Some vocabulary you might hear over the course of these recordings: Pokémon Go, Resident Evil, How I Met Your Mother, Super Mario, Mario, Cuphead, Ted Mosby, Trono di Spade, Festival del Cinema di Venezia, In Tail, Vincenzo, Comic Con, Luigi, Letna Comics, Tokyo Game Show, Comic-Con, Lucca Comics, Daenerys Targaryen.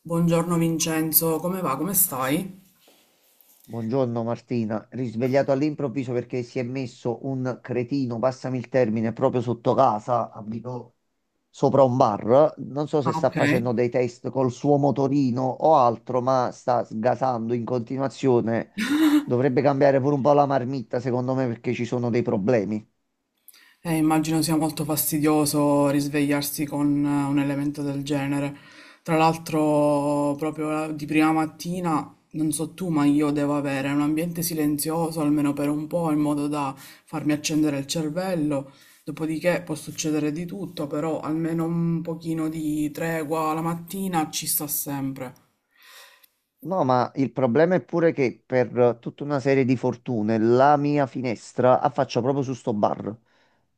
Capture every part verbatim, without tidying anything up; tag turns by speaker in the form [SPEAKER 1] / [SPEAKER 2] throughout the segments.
[SPEAKER 1] Buongiorno Vincenzo, come va? Come stai?
[SPEAKER 2] Buongiorno Martina, risvegliato all'improvviso perché si è messo un cretino, passami il termine, proprio sotto casa, abito sopra un bar. Non so
[SPEAKER 1] Ah,
[SPEAKER 2] se sta
[SPEAKER 1] ok.
[SPEAKER 2] facendo dei test col suo motorino o altro, ma sta sgasando in continuazione. Dovrebbe cambiare pure un po' la marmitta, secondo me, perché ci sono dei problemi.
[SPEAKER 1] Eh, immagino sia molto fastidioso risvegliarsi con eh, un elemento del genere. Tra l'altro, proprio la- di prima mattina, non so tu, ma io devo avere un ambiente silenzioso almeno per un po', in modo da farmi accendere il cervello. Dopodiché può succedere di tutto, però almeno un pochino di tregua la mattina ci sta sempre.
[SPEAKER 2] No, ma il problema è pure che per eh, tutta una serie di fortune la mia finestra affaccia proprio su sto bar.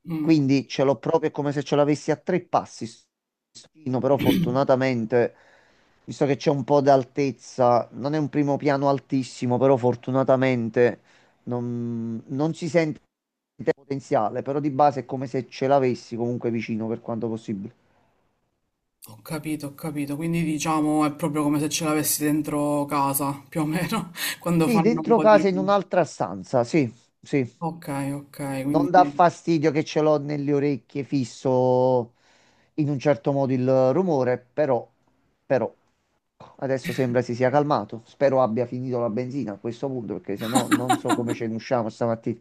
[SPEAKER 1] Mm.
[SPEAKER 2] Quindi ce l'ho proprio, è come se ce l'avessi a tre passi. Sto fino, però fortunatamente, visto che c'è un po' d'altezza, non è un primo piano altissimo, però fortunatamente non, non si sente potenziale, però di base è come se ce l'avessi comunque vicino per quanto possibile.
[SPEAKER 1] Ho capito, ho capito. Quindi diciamo è proprio come se ce l'avessi dentro casa, più o meno, quando
[SPEAKER 2] Sì,
[SPEAKER 1] fanno un
[SPEAKER 2] dentro
[SPEAKER 1] po' di
[SPEAKER 2] casa in
[SPEAKER 1] rumore.
[SPEAKER 2] un'altra stanza, sì, sì.
[SPEAKER 1] Ok, ok,
[SPEAKER 2] Non dà
[SPEAKER 1] quindi
[SPEAKER 2] fastidio che ce l'ho nelle orecchie fisso in un certo modo il rumore, però, però adesso sembra si sia calmato. Spero abbia finito la benzina a questo punto, perché se no non so come ce ne usciamo stamattina.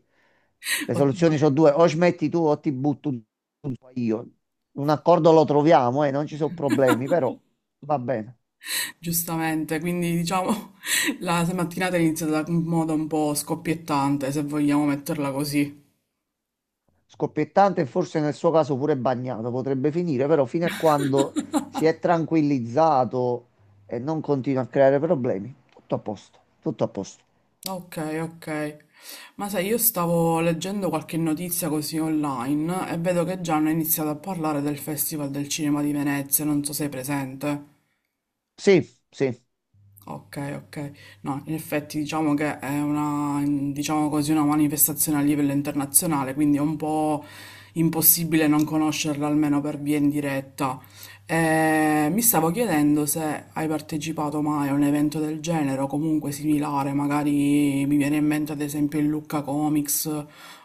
[SPEAKER 2] Le
[SPEAKER 1] ottima.
[SPEAKER 2] soluzioni sono due, o smetti tu o ti butto un- io. Un accordo lo troviamo e non ci sono problemi, però va bene.
[SPEAKER 1] Giustamente, quindi diciamo la mattinata è iniziata in modo un po' scoppiettante, se vogliamo metterla così.
[SPEAKER 2] Scoppiettante e forse nel suo caso pure bagnato, potrebbe finire, però fino a quando si è tranquillizzato e non continua a creare problemi, tutto a posto, tutto a posto.
[SPEAKER 1] Ok, ok. Ma sai, io stavo leggendo qualche notizia così online e vedo che già hanno iniziato a parlare del Festival del Cinema di Venezia, non so se sei presente.
[SPEAKER 2] Sì, sì.
[SPEAKER 1] Ok, ok. No, in effetti diciamo che è una, diciamo così, una manifestazione a livello internazionale, quindi è un po' impossibile non conoscerla almeno per via indiretta. Eh, mi stavo chiedendo se hai partecipato mai a un evento del genere o comunque similare, magari mi viene in mente ad esempio il Lucca Comics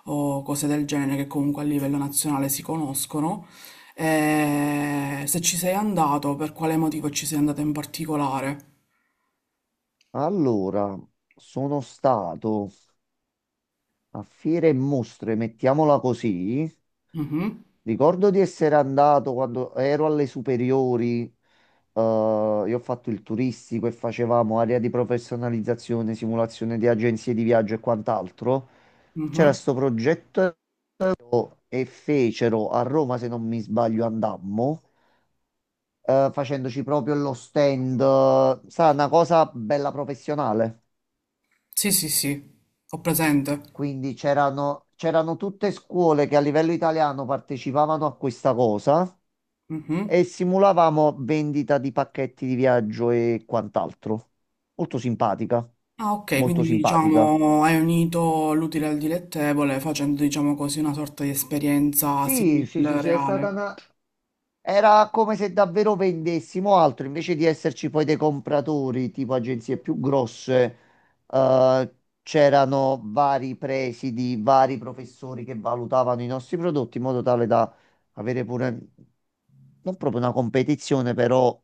[SPEAKER 1] o cose del genere che comunque a livello nazionale si conoscono. Eh, se ci sei andato, per quale motivo ci sei andato in particolare?
[SPEAKER 2] Allora, sono stato a fiere e mostre, mettiamola così.
[SPEAKER 1] Mhm,
[SPEAKER 2] Ricordo di essere andato quando ero alle superiori. eh, io ho fatto il turistico e facevamo area di professionalizzazione, simulazione di agenzie di viaggio e quant'altro.
[SPEAKER 1] mhm.
[SPEAKER 2] C'era sto progetto e fecero a Roma, se non mi sbaglio, andammo, eh, facendoci proprio lo stand, eh, sa, una cosa bella professionale.
[SPEAKER 1] Sì, sì, sì, ho presente.
[SPEAKER 2] Quindi c'erano c'erano tutte scuole che a livello italiano partecipavano a questa cosa
[SPEAKER 1] Mhm.
[SPEAKER 2] e simulavamo vendita di pacchetti di viaggio e quant'altro. Molto simpatica,
[SPEAKER 1] Ah, ok,
[SPEAKER 2] molto
[SPEAKER 1] quindi
[SPEAKER 2] simpatica.
[SPEAKER 1] diciamo hai unito l'utile al dilettevole facendo, diciamo così, una sorta di esperienza
[SPEAKER 2] Sì,
[SPEAKER 1] simile
[SPEAKER 2] sì, sì,
[SPEAKER 1] al
[SPEAKER 2] sì, è stata
[SPEAKER 1] reale.
[SPEAKER 2] una, era come se davvero vendessimo altro, invece di esserci poi dei compratori, tipo agenzie più grosse, eh, c'erano vari presidi, vari professori che valutavano i nostri prodotti in modo tale da avere pure, non proprio una competizione, però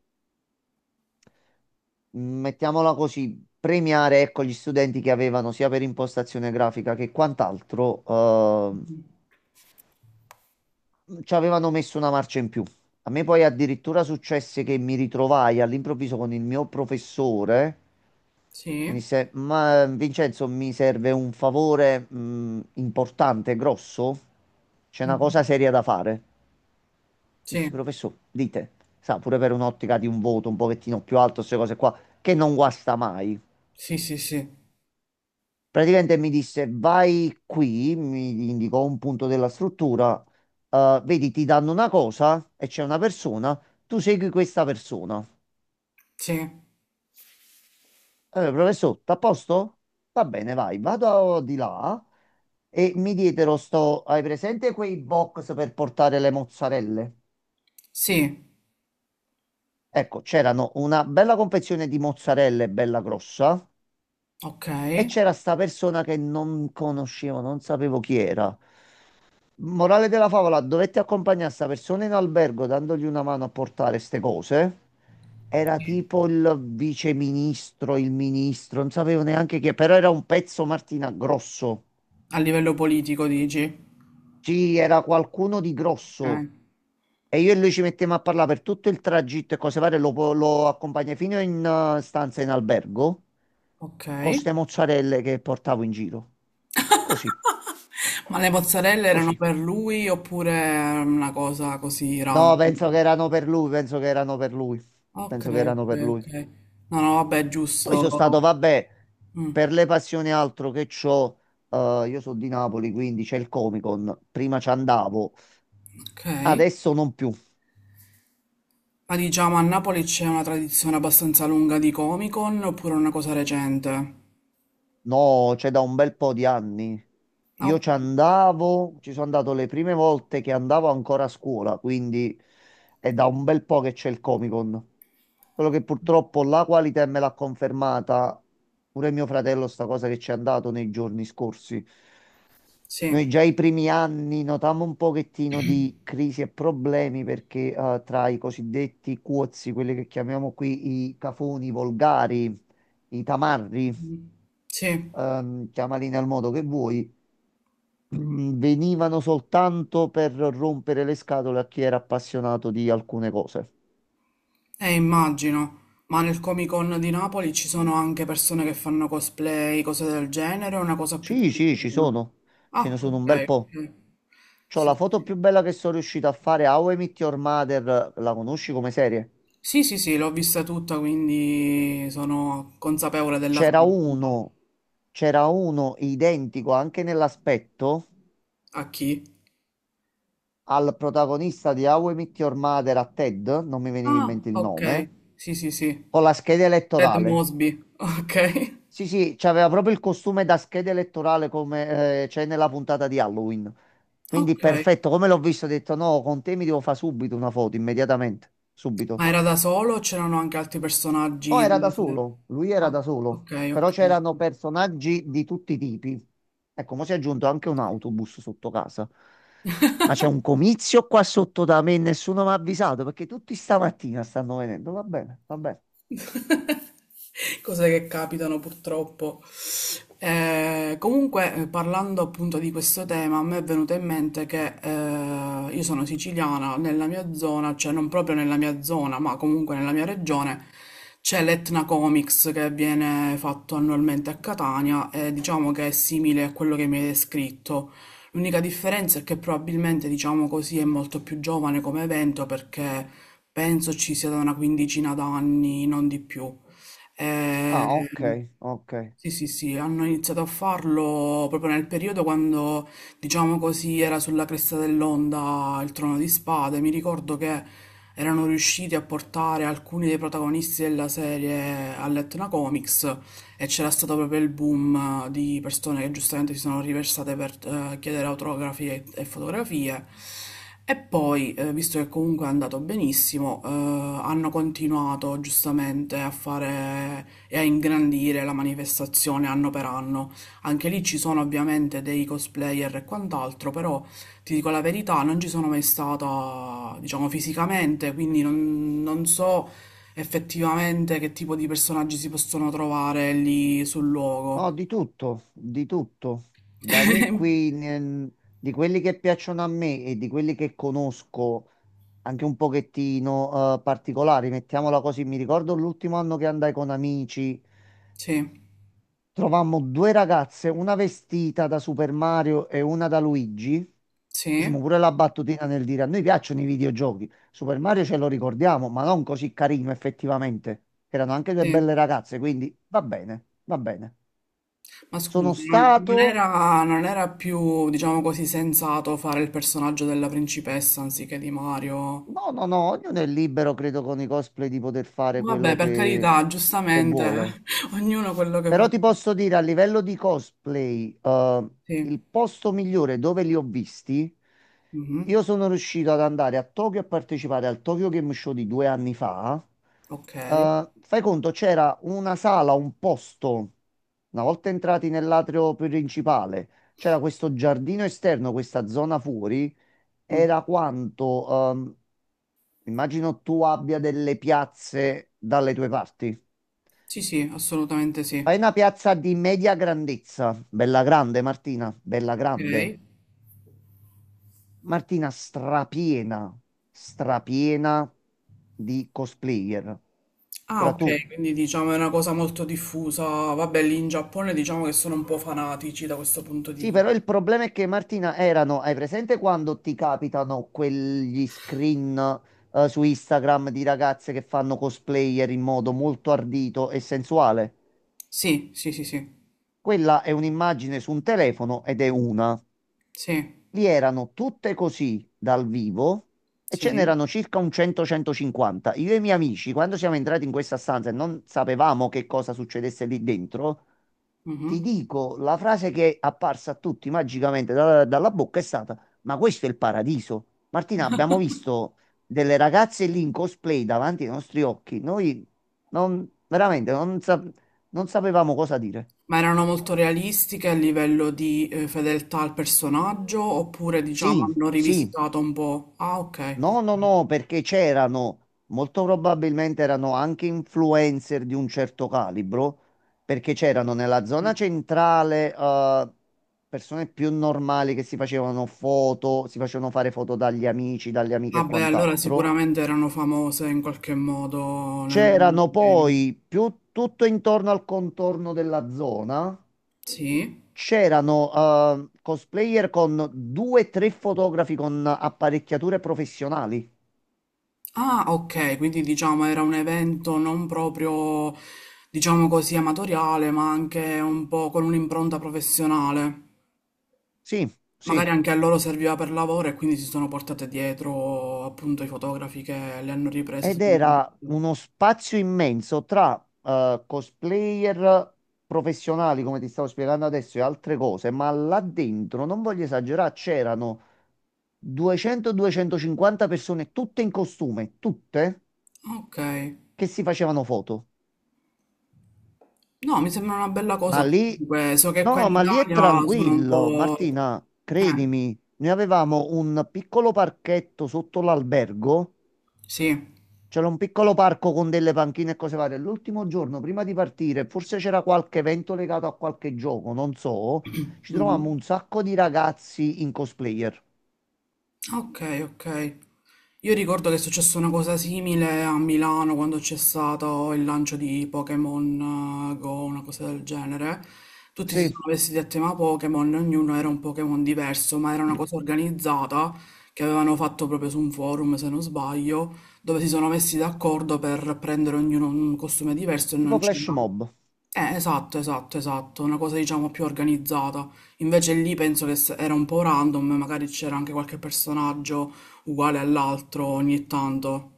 [SPEAKER 2] mh, mettiamola così, premiare, ecco, gli studenti che avevano sia per impostazione grafica che quant'altro, eh, mhmm, ci avevano messo una marcia in più. A me poi addirittura successe che mi ritrovai all'improvviso con il mio professore. Mi
[SPEAKER 1] Sì,
[SPEAKER 2] disse, ma Vincenzo, mi serve un favore, mh, importante, grosso. C'è una
[SPEAKER 1] Mhm.
[SPEAKER 2] cosa seria da fare. Dissi,
[SPEAKER 1] Sì,
[SPEAKER 2] professore, dite, sa, pure per un'ottica di un voto un pochettino più alto, queste cose qua, che non guasta mai.
[SPEAKER 1] sì, sì, sì,
[SPEAKER 2] Praticamente mi disse vai qui, mi indicò un punto della struttura, eh, vedi ti danno una cosa e c'è una persona, tu segui questa persona.
[SPEAKER 1] sì,
[SPEAKER 2] Eh, professor, t'à a posto? Va bene, vai, vado di là e mi dietro sto, hai presente quei box per portare le mozzarelle?
[SPEAKER 1] sì,
[SPEAKER 2] Ecco, c'erano una bella confezione di mozzarelle, bella grossa,
[SPEAKER 1] ok.
[SPEAKER 2] e c'era sta persona che non conoscevo, non sapevo chi era. Morale della favola, dovetti accompagnare sta persona in albergo dandogli una mano a portare ste cose. Era
[SPEAKER 1] Sì.
[SPEAKER 2] tipo il viceministro, il ministro, non sapevo neanche chi, però era un pezzo Martina grosso.
[SPEAKER 1] A livello politico dici?
[SPEAKER 2] Sì, era qualcuno di
[SPEAKER 1] Ok,
[SPEAKER 2] grosso. E io e lui ci mettemmo a parlare per tutto il tragitto e cose varie, lo, po- lo accompagnai fino in eh, stanza in albergo
[SPEAKER 1] ok.
[SPEAKER 2] con ste mozzarelle che portavo in giro. Così,
[SPEAKER 1] Ma le mozzarelle erano
[SPEAKER 2] così.
[SPEAKER 1] per lui oppure era una cosa così
[SPEAKER 2] No,
[SPEAKER 1] random?
[SPEAKER 2] penso che erano per lui, penso che erano per lui.
[SPEAKER 1] Ok,
[SPEAKER 2] Penso che erano
[SPEAKER 1] ok,
[SPEAKER 2] per lui.
[SPEAKER 1] ok. No, no, vabbè, è
[SPEAKER 2] Poi
[SPEAKER 1] giusto.
[SPEAKER 2] sono stato, vabbè,
[SPEAKER 1] Mm,
[SPEAKER 2] per le passioni altro che c'ho, eh, io sono di Napoli, quindi c'è il Comic Con, prima ci andavo,
[SPEAKER 1] ok.
[SPEAKER 2] adesso non più,
[SPEAKER 1] Ma diciamo a Napoli c'è una tradizione abbastanza lunga di Comic-Con oppure una cosa recente?
[SPEAKER 2] no, c'è da un bel po' di anni. Io
[SPEAKER 1] No?
[SPEAKER 2] ci andavo, ci sono andato le prime volte che andavo ancora a scuola, quindi è da un bel po' che c'è il Comic Con. Quello che purtroppo la qualità me l'ha confermata pure mio fratello sta cosa che ci è andato nei giorni scorsi.
[SPEAKER 1] Sì.
[SPEAKER 2] Noi già i primi anni notammo un pochettino di crisi e problemi perché eh, tra i cosiddetti cuozzi, quelli che chiamiamo qui i cafoni volgari, i tamarri,
[SPEAKER 1] Mm, sì, eh,
[SPEAKER 2] ehm, chiamali nel modo che vuoi, mm, venivano soltanto per rompere le scatole a chi era appassionato di alcune cose.
[SPEAKER 1] immagino. Ma nel Comic-Con di Napoli ci sono anche persone che fanno cosplay, cose del genere, o è una cosa più
[SPEAKER 2] Sì, sì, ci
[SPEAKER 1] tranquilla?
[SPEAKER 2] sono, ce ne
[SPEAKER 1] Ah,
[SPEAKER 2] sono
[SPEAKER 1] ok,
[SPEAKER 2] un bel po'.
[SPEAKER 1] ok.
[SPEAKER 2] C'ho
[SPEAKER 1] Sì,
[SPEAKER 2] la foto
[SPEAKER 1] sì,
[SPEAKER 2] più bella che sono riuscito a fare a How I Met Your Mother, la conosci come serie?
[SPEAKER 1] sì, sì, sì, l'ho vista tutta, quindi sono consapevole della
[SPEAKER 2] C'era
[SPEAKER 1] trama.
[SPEAKER 2] uno, c'era uno identico anche nell'aspetto
[SPEAKER 1] A chi?
[SPEAKER 2] al protagonista di How I Met Your Mother a Ted, non mi veniva in
[SPEAKER 1] Ah,
[SPEAKER 2] mente il
[SPEAKER 1] ok.
[SPEAKER 2] nome,
[SPEAKER 1] Sì, sì, sì.
[SPEAKER 2] con la scheda
[SPEAKER 1] Ted
[SPEAKER 2] elettorale.
[SPEAKER 1] Mosby. Ok.
[SPEAKER 2] Sì, sì, c'aveva proprio il costume da scheda elettorale come eh, c'è nella puntata di Halloween. Quindi
[SPEAKER 1] Ok.
[SPEAKER 2] perfetto, come l'ho visto, ho detto no, con te mi devo fare subito una foto, immediatamente,
[SPEAKER 1] Ma
[SPEAKER 2] subito.
[SPEAKER 1] era da solo o c'erano anche altri
[SPEAKER 2] Oh,
[SPEAKER 1] personaggi
[SPEAKER 2] era da
[SPEAKER 1] della serie?
[SPEAKER 2] solo, lui
[SPEAKER 1] Ah,
[SPEAKER 2] era da solo,
[SPEAKER 1] ok, ok.
[SPEAKER 2] però c'erano
[SPEAKER 1] Ok.
[SPEAKER 2] personaggi di tutti i tipi. Ecco, mo si è aggiunto anche un autobus sotto casa. Ma c'è un comizio qua sotto da me e nessuno mi ha avvisato perché tutti stamattina stanno venendo. Va bene, va bene.
[SPEAKER 1] Cose che capitano purtroppo. Eh, comunque, eh, parlando appunto di questo tema, a me è venuto in mente che eh, io sono siciliana, nella mia zona, cioè non proprio nella mia zona, ma comunque nella mia regione, c'è l'Etna Comics che viene fatto annualmente a Catania e diciamo che è simile a quello che mi hai descritto. L'unica differenza è che probabilmente, diciamo così, è molto più giovane come evento perché penso ci sia da una quindicina d'anni, non di più.
[SPEAKER 2] Ah, ok,
[SPEAKER 1] Ehm,
[SPEAKER 2] ok.
[SPEAKER 1] sì, sì, sì, hanno iniziato a farlo proprio nel periodo quando, diciamo così, era sulla cresta dell'onda il Trono di Spade. Mi ricordo che erano riusciti a portare alcuni dei protagonisti della serie a Letna Comics e c'era stato proprio il boom eh, di persone che giustamente si sono riversate per eh, chiedere autografi e, e fotografie. E poi, eh, visto che comunque è andato benissimo, eh, hanno continuato giustamente a fare e a ingrandire la manifestazione anno per anno. Anche lì ci sono ovviamente dei cosplayer e quant'altro, però ti dico la verità, non ci sono mai stata, diciamo, fisicamente, quindi non, non so effettivamente che tipo di personaggi si possono trovare lì sul
[SPEAKER 2] No,
[SPEAKER 1] luogo.
[SPEAKER 2] di tutto, di tutto. Da noi qui, ne- di quelli che piacciono a me e di quelli che conosco anche un pochettino eh, particolari, mettiamola così. Mi ricordo l'ultimo anno che andai con amici.
[SPEAKER 1] Sì,
[SPEAKER 2] Trovammo due ragazze, una vestita da Super Mario e una da Luigi.
[SPEAKER 1] sì,
[SPEAKER 2] Facciamo pure la battutina nel dire a noi piacciono i videogiochi. Super Mario ce lo ricordiamo, ma non così carino effettivamente. Erano anche due
[SPEAKER 1] sì.
[SPEAKER 2] belle ragazze, quindi va bene, va bene.
[SPEAKER 1] Ma
[SPEAKER 2] Sono
[SPEAKER 1] scusi, non, non
[SPEAKER 2] stato...
[SPEAKER 1] era, non era più, diciamo così, sensato fare il personaggio della principessa anziché di Mario?
[SPEAKER 2] No, no, no, ognuno è libero, credo, con i cosplay di poter fare
[SPEAKER 1] Vabbè,
[SPEAKER 2] quello
[SPEAKER 1] per
[SPEAKER 2] che,
[SPEAKER 1] carità,
[SPEAKER 2] che vuole.
[SPEAKER 1] giustamente, ognuno quello che
[SPEAKER 2] Però
[SPEAKER 1] vuole.
[SPEAKER 2] ti posso dire a livello di cosplay, eh,
[SPEAKER 1] Sì.
[SPEAKER 2] il posto migliore dove li ho visti,
[SPEAKER 1] Mhm.
[SPEAKER 2] io sono riuscito ad andare a Tokyo a partecipare al Tokyo Game Show di due anni fa.
[SPEAKER 1] Ok.
[SPEAKER 2] Eh, fai conto, c'era una sala, un posto, una volta entrati nell'atrio principale, c'era questo giardino esterno, questa zona fuori,
[SPEAKER 1] Mhm.
[SPEAKER 2] era quanto, ehm, immagino tu abbia delle piazze dalle tue parti.
[SPEAKER 1] Sì, sì, assolutamente sì.
[SPEAKER 2] Fai una piazza di media grandezza, bella grande Martina, bella grande.
[SPEAKER 1] Ok.
[SPEAKER 2] Martina strapiena, strapiena di cosplayer.
[SPEAKER 1] Ah,
[SPEAKER 2] Ora tu.
[SPEAKER 1] ok, quindi diciamo è una cosa molto diffusa. Vabbè, lì in Giappone diciamo che sono un po' fanatici da questo punto di
[SPEAKER 2] Sì, però
[SPEAKER 1] vista.
[SPEAKER 2] il problema è che Martina erano, hai presente quando ti capitano quegli screen eh, su Instagram di ragazze che fanno cosplayer in modo molto ardito e sensuale?
[SPEAKER 1] Sì, sì, sì, sì,
[SPEAKER 2] Quella è un'immagine su un telefono ed è una.
[SPEAKER 1] sì,
[SPEAKER 2] Vi erano tutte così dal vivo e ce
[SPEAKER 1] sì.
[SPEAKER 2] n'erano circa un cento centocinquanta. Io e i miei amici, quando siamo entrati in questa stanza e non sapevamo che cosa succedesse lì dentro,
[SPEAKER 1] Mhm.
[SPEAKER 2] ti dico la frase che è apparsa a tutti magicamente da- dalla bocca è stata: ma questo è il paradiso. Martina, abbiamo visto delle ragazze lì in cosplay davanti ai nostri occhi. Noi non, veramente non sa- non sapevamo cosa dire.
[SPEAKER 1] Ma erano molto realistiche a livello di eh, fedeltà al personaggio oppure diciamo
[SPEAKER 2] Sì,
[SPEAKER 1] hanno
[SPEAKER 2] sì.
[SPEAKER 1] rivisitato un po'? Ah, ok.
[SPEAKER 2] No, no,
[SPEAKER 1] Ok.
[SPEAKER 2] no, perché c'erano, molto probabilmente erano anche influencer di un certo calibro, perché c'erano nella zona centrale, eh, persone più normali che si facevano foto, si facevano fare foto dagli amici, dalle amiche e
[SPEAKER 1] Vabbè, allora
[SPEAKER 2] quant'altro.
[SPEAKER 1] sicuramente erano famose in qualche modo nel mondo del
[SPEAKER 2] C'erano
[SPEAKER 1] gaming.
[SPEAKER 2] poi più tutto intorno al contorno della zona,
[SPEAKER 1] Sì.
[SPEAKER 2] c'erano, eh, cosplayer con due, o tre fotografi con apparecchiature professionali.
[SPEAKER 1] Ah, ok, quindi diciamo era un evento non proprio, diciamo così, amatoriale, ma anche un po' con un'impronta professionale.
[SPEAKER 2] Sì,
[SPEAKER 1] Magari
[SPEAKER 2] sì.
[SPEAKER 1] anche a loro serviva per lavoro e quindi si sono portate dietro appunto i fotografi che le hanno riprese.
[SPEAKER 2] Ed
[SPEAKER 1] Sicuramente.
[SPEAKER 2] era uno spazio immenso tra eh, cosplayer professionali, come ti stavo spiegando adesso, e altre cose, ma là dentro, non voglio esagerare, c'erano duecento duecentocinquanta persone, tutte in costume, tutte,
[SPEAKER 1] Ok,
[SPEAKER 2] che si facevano foto.
[SPEAKER 1] no, mi sembra una bella
[SPEAKER 2] Ma
[SPEAKER 1] cosa
[SPEAKER 2] lì,
[SPEAKER 1] comunque, so che qua
[SPEAKER 2] no,
[SPEAKER 1] in
[SPEAKER 2] ma lì è
[SPEAKER 1] Italia sono un
[SPEAKER 2] tranquillo,
[SPEAKER 1] po'...
[SPEAKER 2] Martina,
[SPEAKER 1] Eh,
[SPEAKER 2] credimi, noi avevamo un piccolo parchetto sotto l'albergo.
[SPEAKER 1] sì.
[SPEAKER 2] C'era un piccolo parco con delle panchine e cose varie. L'ultimo giorno, prima di partire, forse c'era qualche evento legato a qualche gioco, non so, ci trovammo
[SPEAKER 1] Mhm.
[SPEAKER 2] un sacco di ragazzi in cosplayer.
[SPEAKER 1] Ok, ok. Io ricordo che è successa una cosa simile a Milano quando c'è stato il lancio di Pokémon eh, Go, una cosa del genere. Tutti si
[SPEAKER 2] Sì,
[SPEAKER 1] sono vestiti a tema Pokémon, ognuno era un Pokémon diverso, ma era una cosa organizzata che avevano fatto proprio su un forum, se non sbaglio, dove si sono messi d'accordo per prendere ognuno un costume diverso e
[SPEAKER 2] tipo
[SPEAKER 1] non
[SPEAKER 2] flash
[SPEAKER 1] c'era.
[SPEAKER 2] mob.
[SPEAKER 1] Eh, esatto, esatto, esatto, una cosa diciamo più organizzata. Invece lì penso che se- era un po' random, magari c'era anche qualche personaggio uguale all'altro ogni tanto.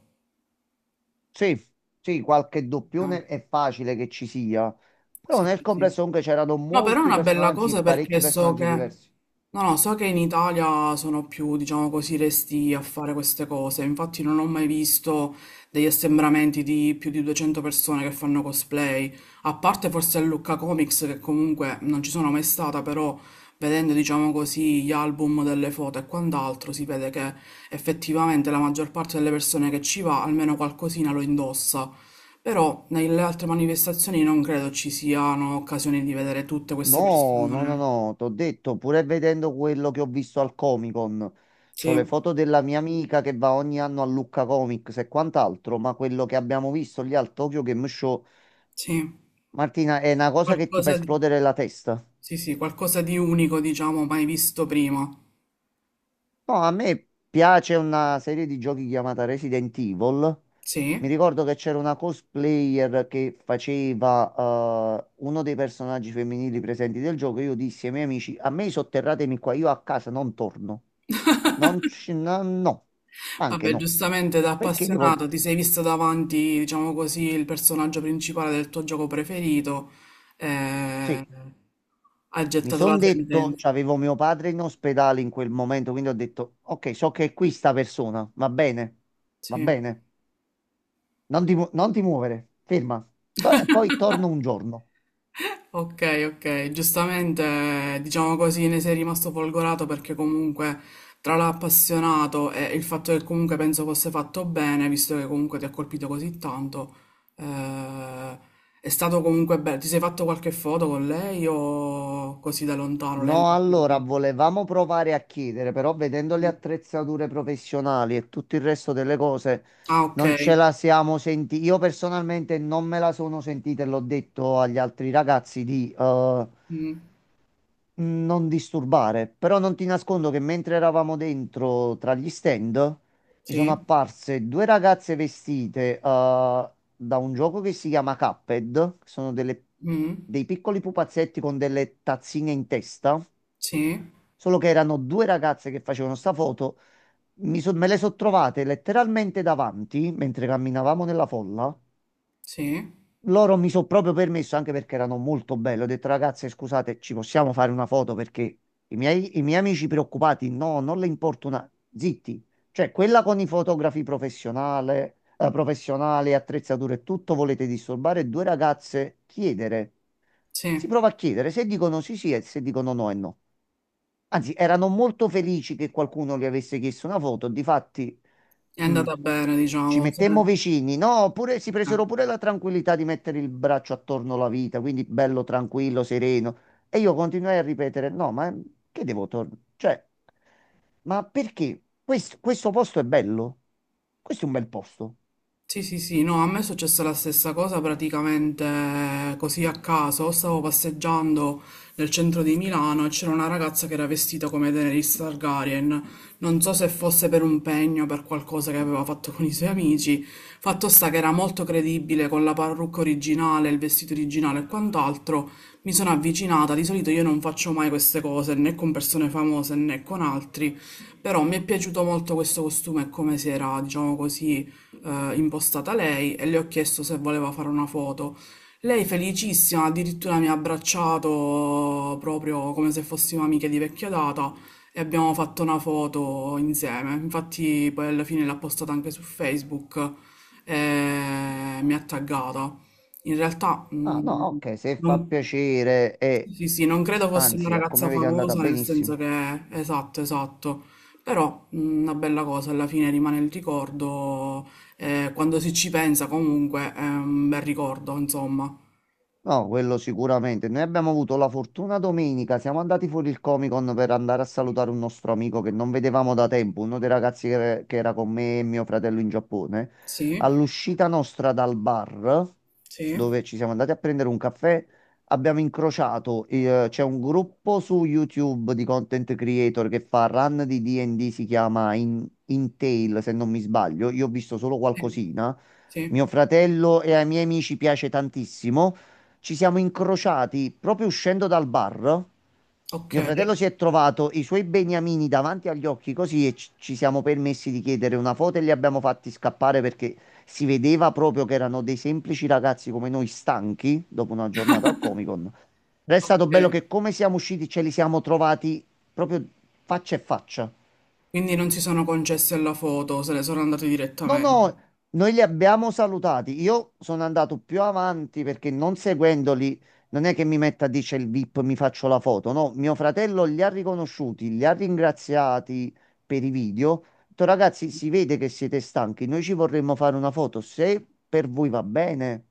[SPEAKER 2] Sì, sì, qualche
[SPEAKER 1] Eh,
[SPEAKER 2] doppione è facile che ci sia. Però
[SPEAKER 1] sì,
[SPEAKER 2] nel
[SPEAKER 1] sì.
[SPEAKER 2] complesso
[SPEAKER 1] Sì.
[SPEAKER 2] comunque c'erano
[SPEAKER 1] No, però è
[SPEAKER 2] molti
[SPEAKER 1] una bella
[SPEAKER 2] personaggi,
[SPEAKER 1] cosa
[SPEAKER 2] parecchi
[SPEAKER 1] perché so che,
[SPEAKER 2] personaggi diversi.
[SPEAKER 1] no, no, so che in Italia sono più, diciamo così, resti a fare queste cose. Infatti non ho mai visto degli assembramenti di più di duecento persone che fanno cosplay, a parte forse a Lucca Comics che comunque non ci sono mai stata, però vedendo, diciamo così, gli album delle foto e quant'altro, si vede che effettivamente la maggior parte delle persone che ci va almeno qualcosina lo indossa. Però nelle altre manifestazioni non credo ci siano occasioni di vedere tutte queste
[SPEAKER 2] No, no, no,
[SPEAKER 1] persone.
[SPEAKER 2] no, t'ho detto, pure vedendo quello che ho visto al Comic Con, c'ho
[SPEAKER 1] Sì,
[SPEAKER 2] le foto della mia amica che va ogni anno a Lucca Comics e quant'altro, ma quello che abbiamo visto lì al Tokyo Game Show,
[SPEAKER 1] sì,
[SPEAKER 2] Martina, è una cosa che ti fa
[SPEAKER 1] qualcosa di,
[SPEAKER 2] esplodere la testa.
[SPEAKER 1] sì, sì, qualcosa di unico, diciamo, mai visto prima.
[SPEAKER 2] No, a me piace una serie di giochi chiamata Resident Evil. Mi
[SPEAKER 1] Sì.
[SPEAKER 2] ricordo che c'era una cosplayer che faceva eh, uno dei personaggi femminili presenti del gioco. Io dissi ai miei amici: a me sotterratemi qua, io a casa non torno. Non ci, no, no. Ma anche
[SPEAKER 1] Vabbè,
[SPEAKER 2] no.
[SPEAKER 1] giustamente da
[SPEAKER 2] Perché devo...
[SPEAKER 1] appassionato ti sei visto davanti, diciamo così, il personaggio principale del tuo gioco preferito. eh,
[SPEAKER 2] Sì,
[SPEAKER 1] Ha
[SPEAKER 2] mi
[SPEAKER 1] gettato la
[SPEAKER 2] sono detto,
[SPEAKER 1] sentenza.
[SPEAKER 2] c'avevo mio padre in ospedale in quel momento, quindi ho detto, ok, so che è qui sta persona, va bene, va
[SPEAKER 1] Sì.
[SPEAKER 2] bene, non ti, mu- non ti muovere, ferma. To- e poi torno un giorno.
[SPEAKER 1] Ok, ok, giustamente diciamo così ne sei rimasto folgorato perché comunque tra l'appassionato e il fatto che comunque penso fosse fatto bene, visto che comunque ti ha colpito così tanto, eh, è stato comunque bello. Ti sei fatto qualche foto con lei o così da lontano? Lei...
[SPEAKER 2] No, allora volevamo provare a chiedere, però vedendo le
[SPEAKER 1] Mm.
[SPEAKER 2] attrezzature professionali e tutto il resto delle cose,
[SPEAKER 1] Ah, ok.
[SPEAKER 2] non ce la siamo sentiti. Io personalmente non me la sono sentita e l'ho detto agli altri ragazzi di... eh,
[SPEAKER 1] Mm.
[SPEAKER 2] non disturbare, però non ti nascondo che mentre eravamo dentro tra gli stand mi sono
[SPEAKER 1] Sì,
[SPEAKER 2] apparse due ragazze vestite eh, da un gioco che si chiama Cuphead, che sono delle-
[SPEAKER 1] Mm.
[SPEAKER 2] dei piccoli pupazzetti con delle tazzine in testa,
[SPEAKER 1] Sì,
[SPEAKER 2] solo che erano due ragazze che facevano sta foto, mi so- me le sono trovate letteralmente davanti mentre camminavamo nella folla
[SPEAKER 1] sì,
[SPEAKER 2] loro mi sono proprio permesso, anche perché erano molto belle, ho detto ragazze, scusate, ci possiamo fare una foto perché i miei, i miei amici preoccupati, no, non le importa una... Zitti, cioè quella con i fotografi professionale, eh, professionali, attrezzature e tutto, volete disturbare due ragazze, chiedere.
[SPEAKER 1] sì,
[SPEAKER 2] Si
[SPEAKER 1] è
[SPEAKER 2] prova a chiedere, se dicono sì sì e se dicono no è no. Anzi, erano molto felici che qualcuno gli avesse chiesto una foto. Difatti, mh,
[SPEAKER 1] andata bene,
[SPEAKER 2] ci
[SPEAKER 1] diciamo. Sì.
[SPEAKER 2] mettemmo vicini, no? Oppure si presero pure la tranquillità di mettere il braccio attorno alla vita, quindi bello, tranquillo, sereno. E io continuai a ripetere: no, ma che devo tornare? Cioè, ma perché? Questo, questo posto è bello? Questo è un bel posto.
[SPEAKER 1] Sì, sì, sì, no, a me è successa la stessa cosa praticamente eh, così a caso. Stavo passeggiando nel centro di Milano e c'era una ragazza che era vestita come Daenerys Targaryen. Non so se fosse per un pegno, per qualcosa che aveva fatto con i suoi amici. Fatto sta che era molto credibile con la parrucca originale, il vestito originale e quant'altro. Mi sono avvicinata, di solito io non faccio mai queste cose né con persone famose né con altri, però mi è piaciuto molto questo costume e come si era, diciamo così, eh, impostata lei e le ho chiesto se voleva fare una foto. Lei felicissima, addirittura mi ha abbracciato proprio come se fossimo amiche di vecchia data e abbiamo fatto una foto insieme. Infatti poi alla fine l'ha postata anche su Facebook e mi ha taggata. In realtà
[SPEAKER 2] Ah, no,
[SPEAKER 1] mm,
[SPEAKER 2] ok, se fa
[SPEAKER 1] non,
[SPEAKER 2] piacere e
[SPEAKER 1] sì, sì, non credo fosse una
[SPEAKER 2] anzi, a
[SPEAKER 1] ragazza
[SPEAKER 2] come vedi è andata
[SPEAKER 1] famosa, nel senso
[SPEAKER 2] benissimo.
[SPEAKER 1] che, esatto, esatto, però mh, una bella cosa, alla fine rimane il ricordo, eh, quando si ci pensa comunque è un bel ricordo, insomma.
[SPEAKER 2] No, quello sicuramente. Noi abbiamo avuto la fortuna domenica, siamo andati fuori il Comic Con per andare a salutare un nostro amico che non vedevamo da tempo, uno dei ragazzi che, che era con me e mio fratello in Giappone.
[SPEAKER 1] Sì,
[SPEAKER 2] All'uscita nostra dal bar,
[SPEAKER 1] sì,
[SPEAKER 2] dove ci siamo andati a prendere un caffè, abbiamo incrociato, eh, c'è un gruppo su YouTube di content creator che fa run di D&D, si chiama In, Tail, se non mi sbaglio. Io ho visto solo
[SPEAKER 1] sì,
[SPEAKER 2] qualcosina.
[SPEAKER 1] sì.
[SPEAKER 2] Mio fratello e ai miei amici piace tantissimo. Ci siamo incrociati proprio uscendo dal bar.
[SPEAKER 1] Ok,
[SPEAKER 2] Mio fratello si è trovato i suoi beniamini davanti agli occhi così e ci ci siamo permessi di chiedere una foto e li abbiamo fatti scappare perché si vedeva proprio che erano dei semplici ragazzi come noi, stanchi dopo una giornata al Comic Con. Ed è stato
[SPEAKER 1] ok.
[SPEAKER 2] bello che come siamo usciti ce li siamo trovati proprio faccia a faccia.
[SPEAKER 1] Quindi non si sono concessi alla foto, se le sono andate
[SPEAKER 2] No,
[SPEAKER 1] direttamente.
[SPEAKER 2] no, noi li abbiamo salutati. Io sono andato più avanti perché non seguendoli non è che mi metta, dice il VIP, mi faccio la foto. No, mio fratello li ha riconosciuti, li ha ringraziati per i video. Ho detto, ragazzi, si vede che siete stanchi, noi ci vorremmo fare una foto. Se per voi va bene.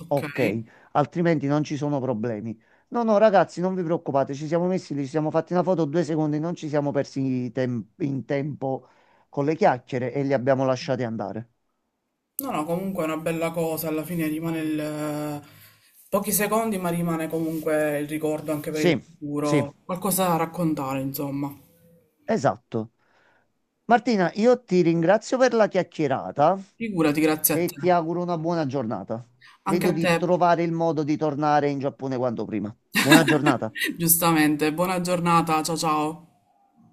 [SPEAKER 1] Ok,
[SPEAKER 2] Ok, altrimenti non ci sono problemi. No, no, ragazzi, non vi preoccupate, ci siamo messi lì, ci siamo fatti una foto due secondi, non ci siamo persi i tem- in tempo con le chiacchiere e li abbiamo lasciati andare.
[SPEAKER 1] no, no, comunque è una bella cosa, alla fine rimane il... eh, pochi secondi, ma rimane comunque il ricordo anche per il
[SPEAKER 2] Sì, sì,
[SPEAKER 1] futuro, qualcosa da raccontare, insomma.
[SPEAKER 2] esatto. Martina, io ti ringrazio per la chiacchierata
[SPEAKER 1] Figurati, grazie a te.
[SPEAKER 2] e ti auguro una buona giornata.
[SPEAKER 1] Anche
[SPEAKER 2] Vedo
[SPEAKER 1] a te.
[SPEAKER 2] di trovare il modo di tornare in Giappone quanto prima. Buona giornata.
[SPEAKER 1] Giustamente, buona giornata, ciao ciao.